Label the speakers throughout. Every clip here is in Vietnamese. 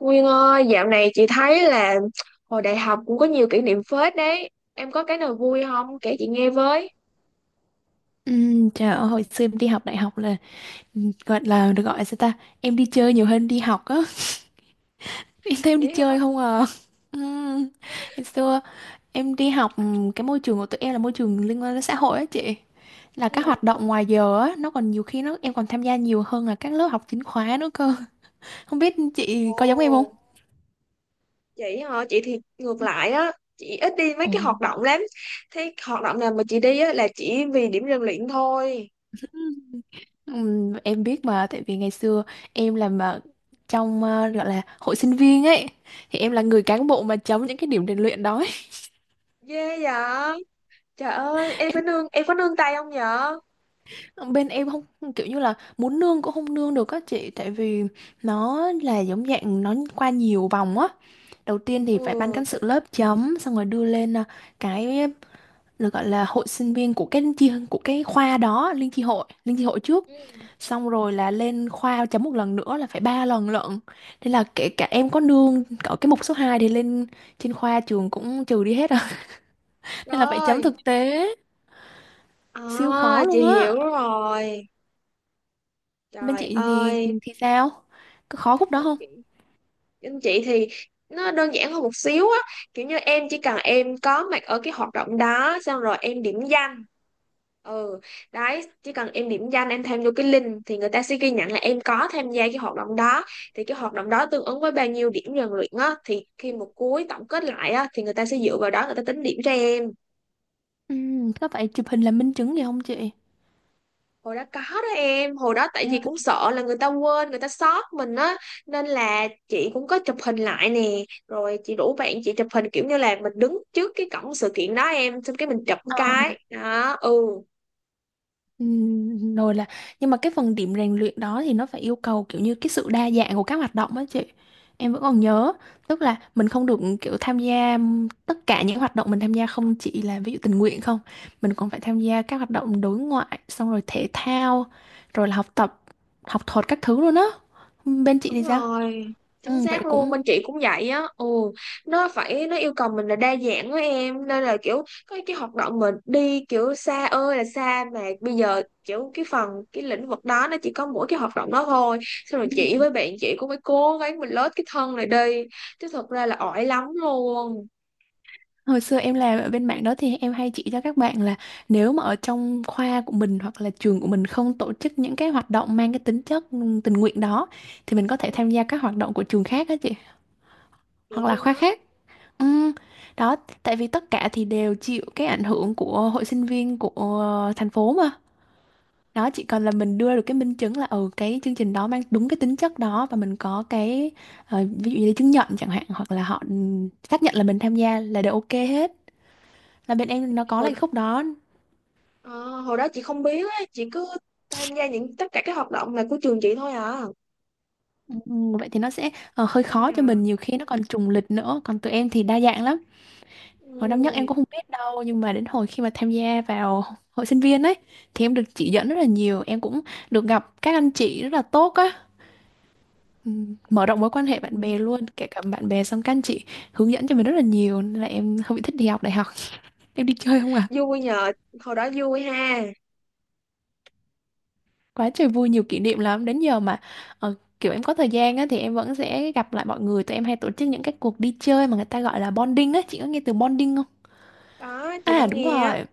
Speaker 1: Nguyên ơi, dạo này chị thấy là hồi đại học cũng có nhiều kỷ niệm phết đấy. Em có cái nào vui không? Kể chị nghe với.
Speaker 2: Trời ơi, hồi xưa em đi học đại học là gọi là được gọi sao ta, em đi chơi nhiều hơn đi học á. Em thấy em đi
Speaker 1: Vậy hả?
Speaker 2: chơi không à? Ừm, Hồi xưa em đi học, cái môi trường của tụi em là môi trường liên quan đến xã hội á chị, là
Speaker 1: Ừ.
Speaker 2: các hoạt động ngoài giờ á nó còn nhiều khi nó em còn tham gia nhiều hơn là các lớp học chính khóa nữa cơ. Không biết chị có giống em không?
Speaker 1: Ồ, chị hả? Chị thì ngược
Speaker 2: Ừ.
Speaker 1: lại á. Chị ít đi mấy
Speaker 2: Ồ.
Speaker 1: cái hoạt động lắm. Thế hoạt động nào mà chị đi á là chỉ vì điểm rèn luyện thôi.
Speaker 2: Ừm, em biết mà, tại vì ngày xưa em làm ở trong gọi là hội sinh viên ấy, thì em là người cán bộ mà chống những cái điểm rèn luyện đó ấy.
Speaker 1: Ghê vậy? Trời ơi,
Speaker 2: Em,
Speaker 1: em có nương tay không vậy?
Speaker 2: ờ, bên em không kiểu như là muốn nương cũng không nương được các chị, tại vì nó là giống dạng nó qua nhiều vòng á. Đầu tiên thì phải ban
Speaker 1: Ừ.
Speaker 2: cán sự lớp chấm xong rồi đưa lên cái là gọi là hội sinh viên của cái chi của cái khoa đó, liên chi hội trước,
Speaker 1: Ừ.
Speaker 2: xong rồi là lên khoa chấm một lần nữa là phải 3 lần lận. Thế là kể cả em có nương ở cái mục số 2 thì lên trên khoa trường cũng trừ đi hết rồi, nên là phải chấm
Speaker 1: Rồi.
Speaker 2: thực tế, siêu khó
Speaker 1: À, chị
Speaker 2: luôn
Speaker 1: hiểu
Speaker 2: á.
Speaker 1: rồi.
Speaker 2: Bên
Speaker 1: Trời
Speaker 2: chị thì
Speaker 1: ơi.
Speaker 2: thì sao, có khó khúc đó không?
Speaker 1: Anh chị thì nó đơn giản hơn một xíu á, kiểu như em chỉ cần em có mặt ở cái hoạt động đó xong rồi em điểm danh. Ừ, đấy, chỉ cần em điểm danh em thêm vô cái link thì người ta sẽ ghi nhận là em có tham gia cái hoạt động đó, thì cái hoạt động đó tương ứng với bao nhiêu điểm rèn luyện á thì khi một cuối tổng kết lại á thì người ta sẽ dựa vào đó người ta tính điểm cho em.
Speaker 2: Ừ, có phải chụp hình làm minh chứng gì không chị?
Speaker 1: Hồi đó có đó em. Hồi đó tại vì cũng sợ là người ta quên người ta sót mình á, nên là chị cũng có chụp hình lại nè, rồi chị rủ bạn chị chụp hình kiểu như là mình đứng trước cái cổng sự kiện đó em, xong cái mình chụp một
Speaker 2: Ờ.
Speaker 1: cái đó. Ừ.
Speaker 2: Rồi là nhưng mà cái phần điểm rèn luyện đó thì nó phải yêu cầu kiểu như cái sự đa dạng của các hoạt động á chị. Em vẫn còn nhớ, tức là mình không được kiểu tham gia tất cả những hoạt động mình tham gia không chỉ là ví dụ tình nguyện không, mình còn phải tham gia các hoạt động đối ngoại, xong rồi thể thao, rồi là học tập, học thuật các thứ luôn á. Bên chị thì
Speaker 1: Đúng
Speaker 2: sao?
Speaker 1: rồi,
Speaker 2: Ừ,
Speaker 1: chính
Speaker 2: vậy
Speaker 1: xác luôn,
Speaker 2: cũng.
Speaker 1: bên chị cũng vậy á. Ừ. Nó yêu cầu mình là đa dạng với em, nên là kiểu có cái hoạt động mình đi kiểu xa ơi là xa, mà bây giờ kiểu cái lĩnh vực đó nó chỉ có mỗi cái hoạt động đó thôi. Xong rồi chị với bạn chị cũng phải cố gắng mình lết cái thân này đi, chứ thật ra là ỏi lắm luôn.
Speaker 2: Hồi xưa em làm ở bên mảng đó thì em hay chỉ cho các bạn là, nếu mà ở trong khoa của mình hoặc là trường của mình không tổ chức những cái hoạt động mang cái tính chất tình nguyện đó, thì mình có thể
Speaker 1: Ừ,
Speaker 2: tham gia các hoạt động của trường khác á chị,
Speaker 1: được
Speaker 2: hoặc là
Speaker 1: luôn
Speaker 2: khoa
Speaker 1: á.
Speaker 2: khác. Ừm. Đó, tại vì tất cả thì đều chịu cái ảnh hưởng của hội sinh viên của thành phố mà. Đó, chỉ cần là mình đưa được cái minh chứng là ừ cái chương trình đó mang đúng cái tính chất đó và mình có cái ví dụ như là chứng nhận chẳng hạn, hoặc là họ xác nhận là mình tham gia là đều ok hết, là bên em nó có
Speaker 1: hồi
Speaker 2: lại khúc đó.
Speaker 1: ờ, hồi đó chị không biết á, chị cứ tham gia tất cả các hoạt động là của trường chị thôi à.
Speaker 2: Ừ. Ừ, vậy thì nó sẽ hơi
Speaker 1: Ừ.
Speaker 2: khó cho
Speaker 1: Nhờ.
Speaker 2: mình, nhiều khi nó còn trùng lịch nữa, còn tụi em thì đa dạng lắm. Hồi năm nhất em
Speaker 1: Ừ.
Speaker 2: cũng không biết đâu nhưng mà đến hồi khi mà tham gia vào hội sinh viên ấy, thì em được chỉ dẫn rất là nhiều, em cũng được gặp các anh chị rất là tốt á. Ừ, mở rộng mối quan
Speaker 1: Ừ.
Speaker 2: hệ bạn bè luôn, kể cả bạn bè xong các anh chị hướng dẫn cho mình rất là nhiều, nên là em không bị thích đi học đại học. Em đi chơi không à?
Speaker 1: Vui nhờ. Hồi đó vui ha.
Speaker 2: Quá trời vui, nhiều kỷ niệm lắm đến giờ mà. ờ, Kiểu em có thời gian á, thì em vẫn sẽ gặp lại mọi người, tụi em hay tổ chức những cái cuộc đi chơi mà người ta gọi là bonding á, chị có nghe từ bonding không?
Speaker 1: Có, chị có
Speaker 2: À đúng
Speaker 1: nghe á.
Speaker 2: rồi,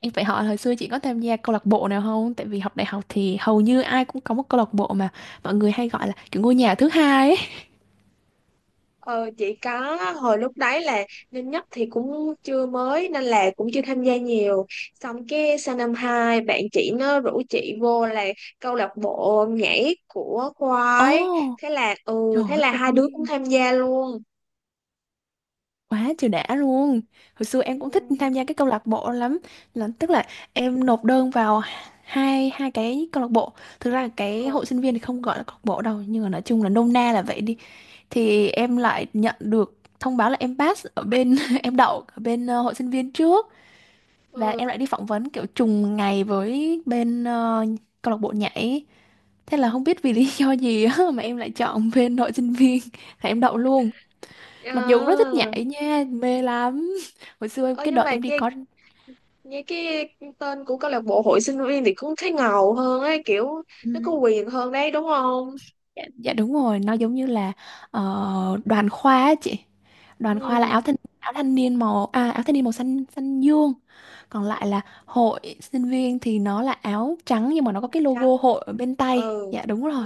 Speaker 2: em phải hỏi hồi xưa chị có tham gia câu lạc bộ nào không, tại vì học đại học thì hầu như ai cũng có một câu lạc bộ mà mọi người hay gọi là kiểu ngôi nhà thứ hai ấy.
Speaker 1: Ờ chị có, hồi lúc đấy là năm nhất thì cũng chưa mới nên là cũng chưa tham gia nhiều, xong cái sang năm hai bạn chị nó rủ chị vô là câu lạc bộ nhảy của khoa
Speaker 2: Ồ,
Speaker 1: ấy, thế là ừ
Speaker 2: trời
Speaker 1: thế là hai đứa cũng
Speaker 2: ơi,
Speaker 1: tham gia luôn.
Speaker 2: quá trời đã luôn. Hồi xưa em
Speaker 1: Ừ.
Speaker 2: cũng thích tham gia cái câu lạc bộ lắm, là tức là em nộp đơn vào hai hai cái câu lạc bộ. Thực ra cái
Speaker 1: Ừ.
Speaker 2: hội sinh viên thì không gọi là câu lạc bộ đâu nhưng mà nói chung là nôm na là vậy đi. Thì em lại nhận được thông báo là em pass ở bên, em đậu ở bên hội sinh viên trước. Và
Speaker 1: Ừ.
Speaker 2: em lại đi phỏng vấn kiểu trùng ngày với bên câu lạc bộ nhảy. Thế là không biết vì lý do gì á mà em lại chọn bên hội sinh viên, là em đậu luôn. Mặc dù cũng rất thích
Speaker 1: À.
Speaker 2: nhảy nha, mê lắm.
Speaker 1: ờ
Speaker 2: Cái
Speaker 1: nhưng
Speaker 2: đợt
Speaker 1: mà
Speaker 2: em đi
Speaker 1: nghe
Speaker 2: có.
Speaker 1: nghe cái tên của câu lạc bộ hội sinh viên thì cũng thấy ngầu hơn ấy, kiểu
Speaker 2: Ừ.
Speaker 1: nó có quyền hơn đấy đúng không.
Speaker 2: Dạ, dạ đúng rồi, nó giống như là đoàn khoa á chị. Đoàn khoa là
Speaker 1: Ừ.
Speaker 2: áo thanh niên màu, à, áo thanh niên màu xanh xanh dương. Còn lại là hội sinh viên thì nó là áo trắng nhưng mà nó có
Speaker 1: Màu
Speaker 2: cái logo
Speaker 1: trắng.
Speaker 2: hội ở bên tay.
Speaker 1: Ừ.
Speaker 2: Dạ đúng
Speaker 1: Ừ.
Speaker 2: rồi.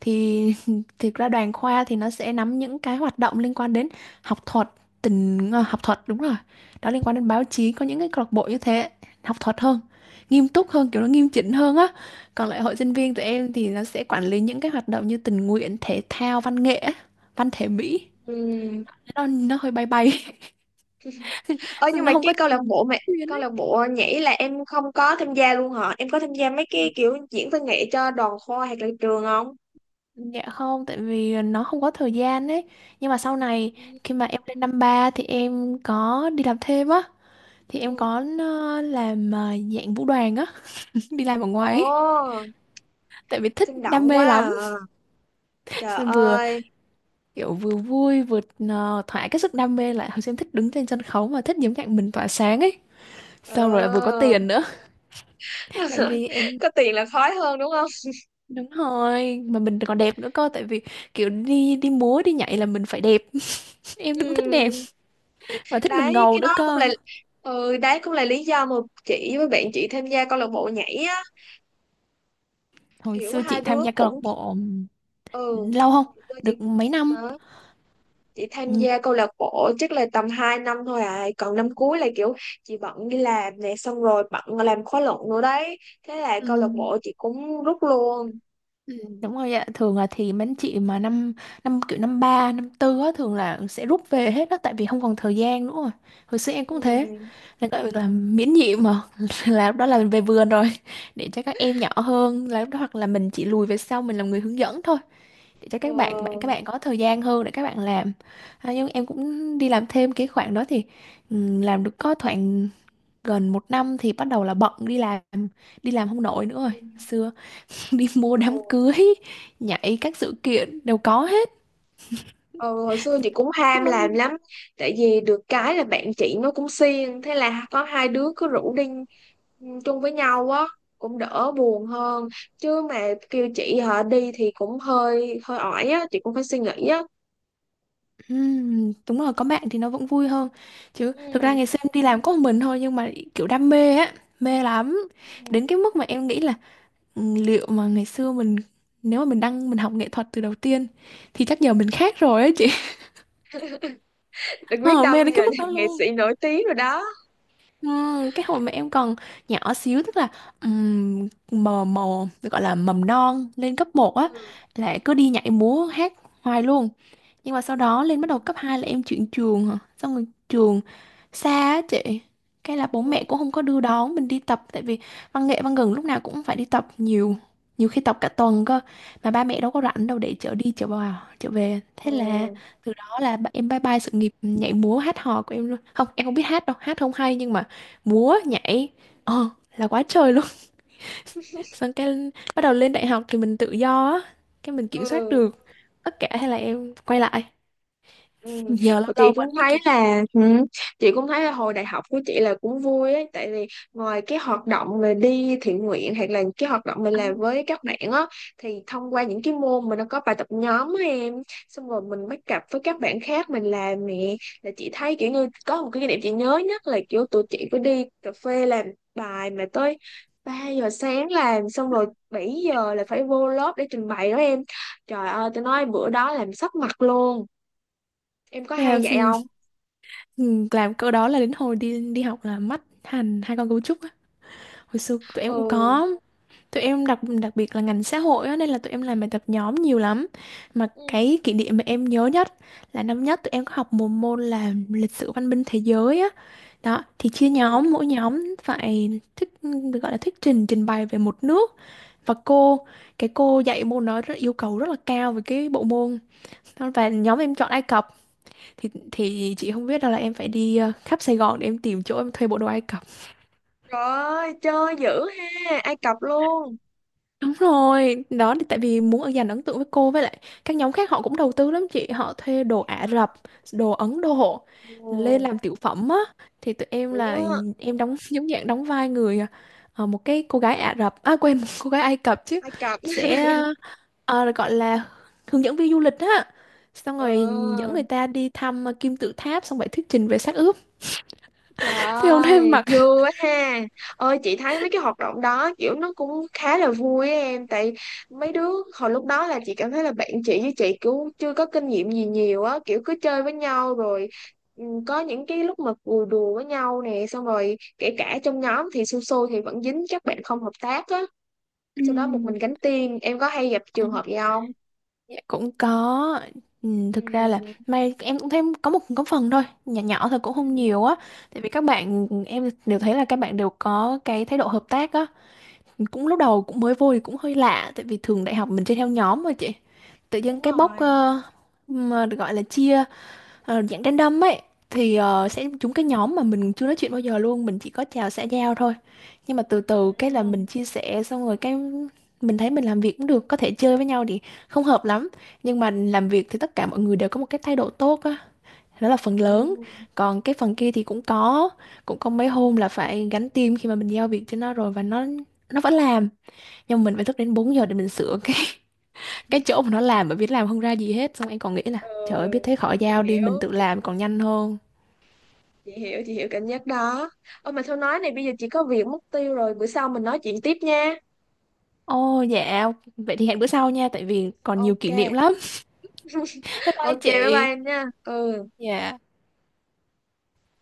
Speaker 2: Thì thực ra đoàn khoa thì nó sẽ nắm những cái hoạt động liên quan đến học thuật, học thuật đúng rồi. Đó, liên quan đến báo chí, có những cái câu lạc bộ như thế, học thuật hơn, nghiêm túc hơn, kiểu nó nghiêm chỉnh hơn á. Còn lại hội sinh viên tụi em thì nó sẽ quản lý những cái hoạt động như tình nguyện, thể thao, văn nghệ, á, văn thể mỹ.
Speaker 1: Ừ.
Speaker 2: Nó hơi bay bay,
Speaker 1: Ơ nhưng mà
Speaker 2: nó không
Speaker 1: cái
Speaker 2: có
Speaker 1: câu lạc bộ mà
Speaker 2: chuyên
Speaker 1: câu
Speaker 2: ấy.
Speaker 1: lạc bộ nhảy là em không có tham gia luôn hả, em có tham gia mấy cái kiểu diễn văn nghệ cho đoàn khoa hoặc là trường không?
Speaker 2: Dạ không, tại vì nó không có thời gian ấy. Nhưng mà sau này khi mà em lên năm ba thì em có đi làm thêm á. Thì
Speaker 1: Ừ.
Speaker 2: em có làm dạng vũ đoàn á, đi làm ở ngoài ấy.
Speaker 1: Ồ,
Speaker 2: Tại vì thích
Speaker 1: sinh
Speaker 2: đam
Speaker 1: động
Speaker 2: mê
Speaker 1: quá à.
Speaker 2: lắm.
Speaker 1: Trời
Speaker 2: Xong vừa
Speaker 1: ơi.
Speaker 2: kiểu vừa vui vừa thỏa cái sức đam mê lại. Hồi xưa em thích đứng trên sân khấu mà thích những cạnh mình tỏa sáng ấy.
Speaker 1: Ừ.
Speaker 2: Xong rồi lại vừa có tiền nữa. Là em đi em.
Speaker 1: Có tiền là khói hơn đúng không?
Speaker 2: Đúng rồi, mà mình còn đẹp nữa cơ, tại vì kiểu đi đi múa đi nhảy là mình phải đẹp. Em cũng thích đẹp
Speaker 1: Ừ.
Speaker 2: và thích mình
Speaker 1: Đấy,
Speaker 2: ngầu
Speaker 1: cái
Speaker 2: nữa
Speaker 1: đó cũng
Speaker 2: cơ.
Speaker 1: là đấy, cũng là lý do mà chị với bạn chị tham gia câu lạc bộ nhảy á,
Speaker 2: Hồi
Speaker 1: kiểu
Speaker 2: xưa
Speaker 1: hai
Speaker 2: chị
Speaker 1: đứa
Speaker 2: tham gia câu lạc
Speaker 1: cũng
Speaker 2: bộ
Speaker 1: ừ
Speaker 2: lâu không,
Speaker 1: thì tôi chỉ
Speaker 2: được mấy năm.
Speaker 1: đó. Chị tham
Speaker 2: Ừ,
Speaker 1: gia câu lạc bộ chắc là tầm 2 năm thôi à, còn năm cuối là kiểu chị bận đi làm nè, xong rồi bận làm khóa luận nữa đấy, thế là
Speaker 2: ừ,
Speaker 1: câu lạc bộ chị cũng rút luôn.
Speaker 2: ừ, đúng rồi ạ, thường là thì mấy anh chị mà năm năm kiểu năm ba năm tư á thường là sẽ rút về hết đó, tại vì không còn thời gian nữa rồi. Hồi xưa em cũng thế,
Speaker 1: Ừ.
Speaker 2: nên gọi là miễn nhiệm mà, là lúc đó là mình về vườn rồi, để cho các em nhỏ hơn là lúc đó, hoặc là mình chỉ lùi về sau mình làm người hướng dẫn thôi, để cho các
Speaker 1: Ừ.
Speaker 2: bạn có thời gian hơn để các bạn làm. À, nhưng em cũng đi làm thêm cái khoảng đó thì ừ, làm được có khoảng gần một năm thì bắt đầu là bận đi làm, đi làm không nổi nữa rồi.
Speaker 1: Ừ. Ừ,
Speaker 2: Xưa đi mua đám
Speaker 1: ừ.
Speaker 2: cưới, nhảy các sự kiện đều có hết.
Speaker 1: Ừ, hồi xưa
Speaker 2: Thích
Speaker 1: chị cũng ham
Speaker 2: lắm
Speaker 1: làm
Speaker 2: luôn.
Speaker 1: lắm, tại vì được cái là bạn chị nó cũng siêng, thế là có hai đứa cứ rủ đi, chung với nhau á, cũng đỡ buồn hơn, chứ mà kêu chị họ đi thì cũng hơi hơi ỏi á, chị cũng phải suy nghĩ á.
Speaker 2: Đúng rồi, có bạn thì nó vẫn vui hơn, chứ thực ra
Speaker 1: Ừ.
Speaker 2: ngày xưa em đi làm có một mình thôi nhưng mà kiểu đam mê á, mê lắm, đến cái mức mà em nghĩ là ừ, liệu mà ngày xưa mình, nếu mà mình học nghệ thuật từ đầu tiên thì chắc giờ mình khác rồi á chị.
Speaker 1: Đừng biết
Speaker 2: Ờ,
Speaker 1: đâu
Speaker 2: mê
Speaker 1: bây
Speaker 2: đến
Speaker 1: giờ
Speaker 2: cái
Speaker 1: làm
Speaker 2: mức đó
Speaker 1: nghệ
Speaker 2: luôn.
Speaker 1: sĩ nổi tiếng rồi đó.
Speaker 2: Cái hồi mà em còn nhỏ xíu tức là mờ mờ gọi là mầm non lên cấp một á,
Speaker 1: Ừ.
Speaker 2: là cứ đi nhảy múa hát hoài luôn. Nhưng mà sau đó lên bắt đầu cấp 2 là em chuyển trường hả? Xong rồi trường xa á chị. Cái là bố
Speaker 1: Ừ.
Speaker 2: mẹ cũng không có đưa đón mình đi tập tại vì văn nghệ gần lúc nào cũng phải đi tập nhiều. Nhiều khi tập cả tuần cơ, mà ba mẹ đâu có rảnh đâu để chở đi chở vào chở về.
Speaker 1: Ừ.
Speaker 2: Thế là từ đó là em bye bye sự nghiệp nhảy múa hát hò của em luôn. Không, em không biết hát đâu, hát không hay nhưng mà múa nhảy ờ là quá trời luôn. Xong cái bắt đầu lên đại học thì mình tự do á, cái mình kiểm soát
Speaker 1: Ừ.
Speaker 2: được tất cả, hay là em quay lại,
Speaker 1: Ừ.
Speaker 2: giờ lâu
Speaker 1: Thì chị
Speaker 2: lâu
Speaker 1: cũng
Speaker 2: vẫn
Speaker 1: thấy
Speaker 2: kiểu.
Speaker 1: là ừ, chị cũng thấy là hồi đại học của chị là cũng vui ấy, tại vì ngoài cái hoạt động mà đi thiện nguyện hoặc là cái hoạt động mình làm
Speaker 2: Anh
Speaker 1: với các bạn á, thì thông qua những cái môn mà nó có bài tập nhóm á em, xong rồi mình bắt cặp với các bạn khác mình làm nè, là chị thấy kiểu như có một cái kỷ niệm chị nhớ nhất là kiểu tụi chị có đi cà phê làm bài mà tới 3 giờ sáng, làm xong rồi 7 giờ là phải vô lớp để trình bày đó em. Trời ơi, tôi nói bữa đó làm sấp mặt luôn. Em có hay
Speaker 2: làm
Speaker 1: vậy không?
Speaker 2: câu đó là đến hồi đi đi học là mắt hành hai con cấu trúc á. Hồi xưa tụi em cũng
Speaker 1: Ừ,
Speaker 2: có, tụi em đặc đặc biệt là ngành xã hội á, nên là tụi em làm bài tập nhóm nhiều lắm. Mà
Speaker 1: ừ,
Speaker 2: cái kỷ niệm mà em nhớ nhất là năm nhất tụi em có học một môn là lịch sử văn minh thế giới á. Đó thì chia
Speaker 1: ừ,
Speaker 2: nhóm mỗi nhóm phải thuyết được gọi là thuyết trình trình bày về một nước. Và cô, cái cô dạy môn đó rất yêu cầu rất là cao về cái bộ môn. Và nhóm em chọn Ai Cập. Thì chị không biết đâu là em phải đi khắp Sài Gòn để em tìm chỗ em thuê bộ đồ Ai Cập.
Speaker 1: trời ơi, chơi dữ ha, Ai Cập luôn.
Speaker 2: Đúng rồi đó, thì tại vì muốn ở dành ấn tượng với cô, với lại các nhóm khác họ cũng đầu tư lắm chị, họ thuê đồ Ả Rập, đồ Ấn Độ lên
Speaker 1: Ồ.
Speaker 2: làm tiểu phẩm á. Thì tụi em là
Speaker 1: Ừ.
Speaker 2: em đóng giống dạng đóng vai người một cái cô gái Ả Rập, à quên, một cô gái Ai Cập chứ,
Speaker 1: Ai Cập.
Speaker 2: sẽ gọi là hướng dẫn viên du lịch á, xong rồi dẫn
Speaker 1: Ừ,
Speaker 2: người ta đi thăm kim tự tháp, xong rồi thuyết trình về xác ướp.
Speaker 1: trời
Speaker 2: Thế hôm nay em
Speaker 1: ơi,
Speaker 2: mặc.
Speaker 1: vui quá ha. Ơi, chị thấy mấy cái hoạt động đó kiểu nó cũng khá là vui á em. Tại mấy đứa hồi lúc đó là chị cảm thấy là bạn chị với chị cũng chưa có kinh nghiệm gì nhiều á. Kiểu cứ chơi với nhau rồi, có những cái lúc mà cười đùa với nhau nè. Xong rồi kể cả trong nhóm thì su su thì vẫn dính các bạn không hợp tác á,
Speaker 2: Ừ.
Speaker 1: sau đó một mình gánh tiền. Em có hay gặp trường
Speaker 2: Ừ,
Speaker 1: hợp gì không?
Speaker 2: dạ, cũng có ừ, thực ra là
Speaker 1: Ừ.
Speaker 2: may em cũng thấy có một có phần thôi nhỏ nhỏ thôi cũng không
Speaker 1: Ừ.
Speaker 2: nhiều á, tại vì các bạn em đều thấy là các bạn đều có cái thái độ hợp tác á. Cũng lúc đầu cũng mới vô thì cũng hơi lạ, tại vì thường đại học mình chơi theo nhóm mà chị, tự nhiên
Speaker 1: Đúng
Speaker 2: cái bốc
Speaker 1: rồi.
Speaker 2: mà được gọi là chia, dạng random ấy thì
Speaker 1: Ừ.
Speaker 2: sẽ trúng cái nhóm mà mình chưa nói chuyện bao giờ luôn, mình chỉ có chào xã giao thôi. Nhưng mà từ từ
Speaker 1: Ừ.
Speaker 2: cái là mình chia sẻ xong rồi cái mình thấy mình làm việc cũng được, có thể chơi với nhau thì không hợp lắm, nhưng mà làm việc thì tất cả mọi người đều có một cái thái độ tốt á, đó là phần lớn. Còn cái phần kia thì cũng có, cũng có mấy hôm là phải gánh team khi mà mình giao việc cho nó rồi và nó vẫn làm, nhưng mà mình phải thức đến 4 giờ để mình sửa cái, cái chỗ mà nó làm bởi vì nó làm không ra gì hết, xong em còn nghĩ là
Speaker 1: Ừ.
Speaker 2: trời ơi biết thế khỏi
Speaker 1: Chị
Speaker 2: giao đi mình
Speaker 1: hiểu
Speaker 2: tự làm còn nhanh hơn.
Speaker 1: chị hiểu, chị hiểu cảm giác đó. Ôi mà thôi nói này, bây giờ chị có việc mất tiêu rồi, bữa sau mình nói chuyện tiếp nha.
Speaker 2: Ồ dạ, vậy thì hẹn bữa sau nha, tại vì còn nhiều
Speaker 1: Ok.
Speaker 2: kỷ niệm lắm. Bye bye
Speaker 1: Ok, bye
Speaker 2: chị.
Speaker 1: bye em nha. Ừ.
Speaker 2: Dạ.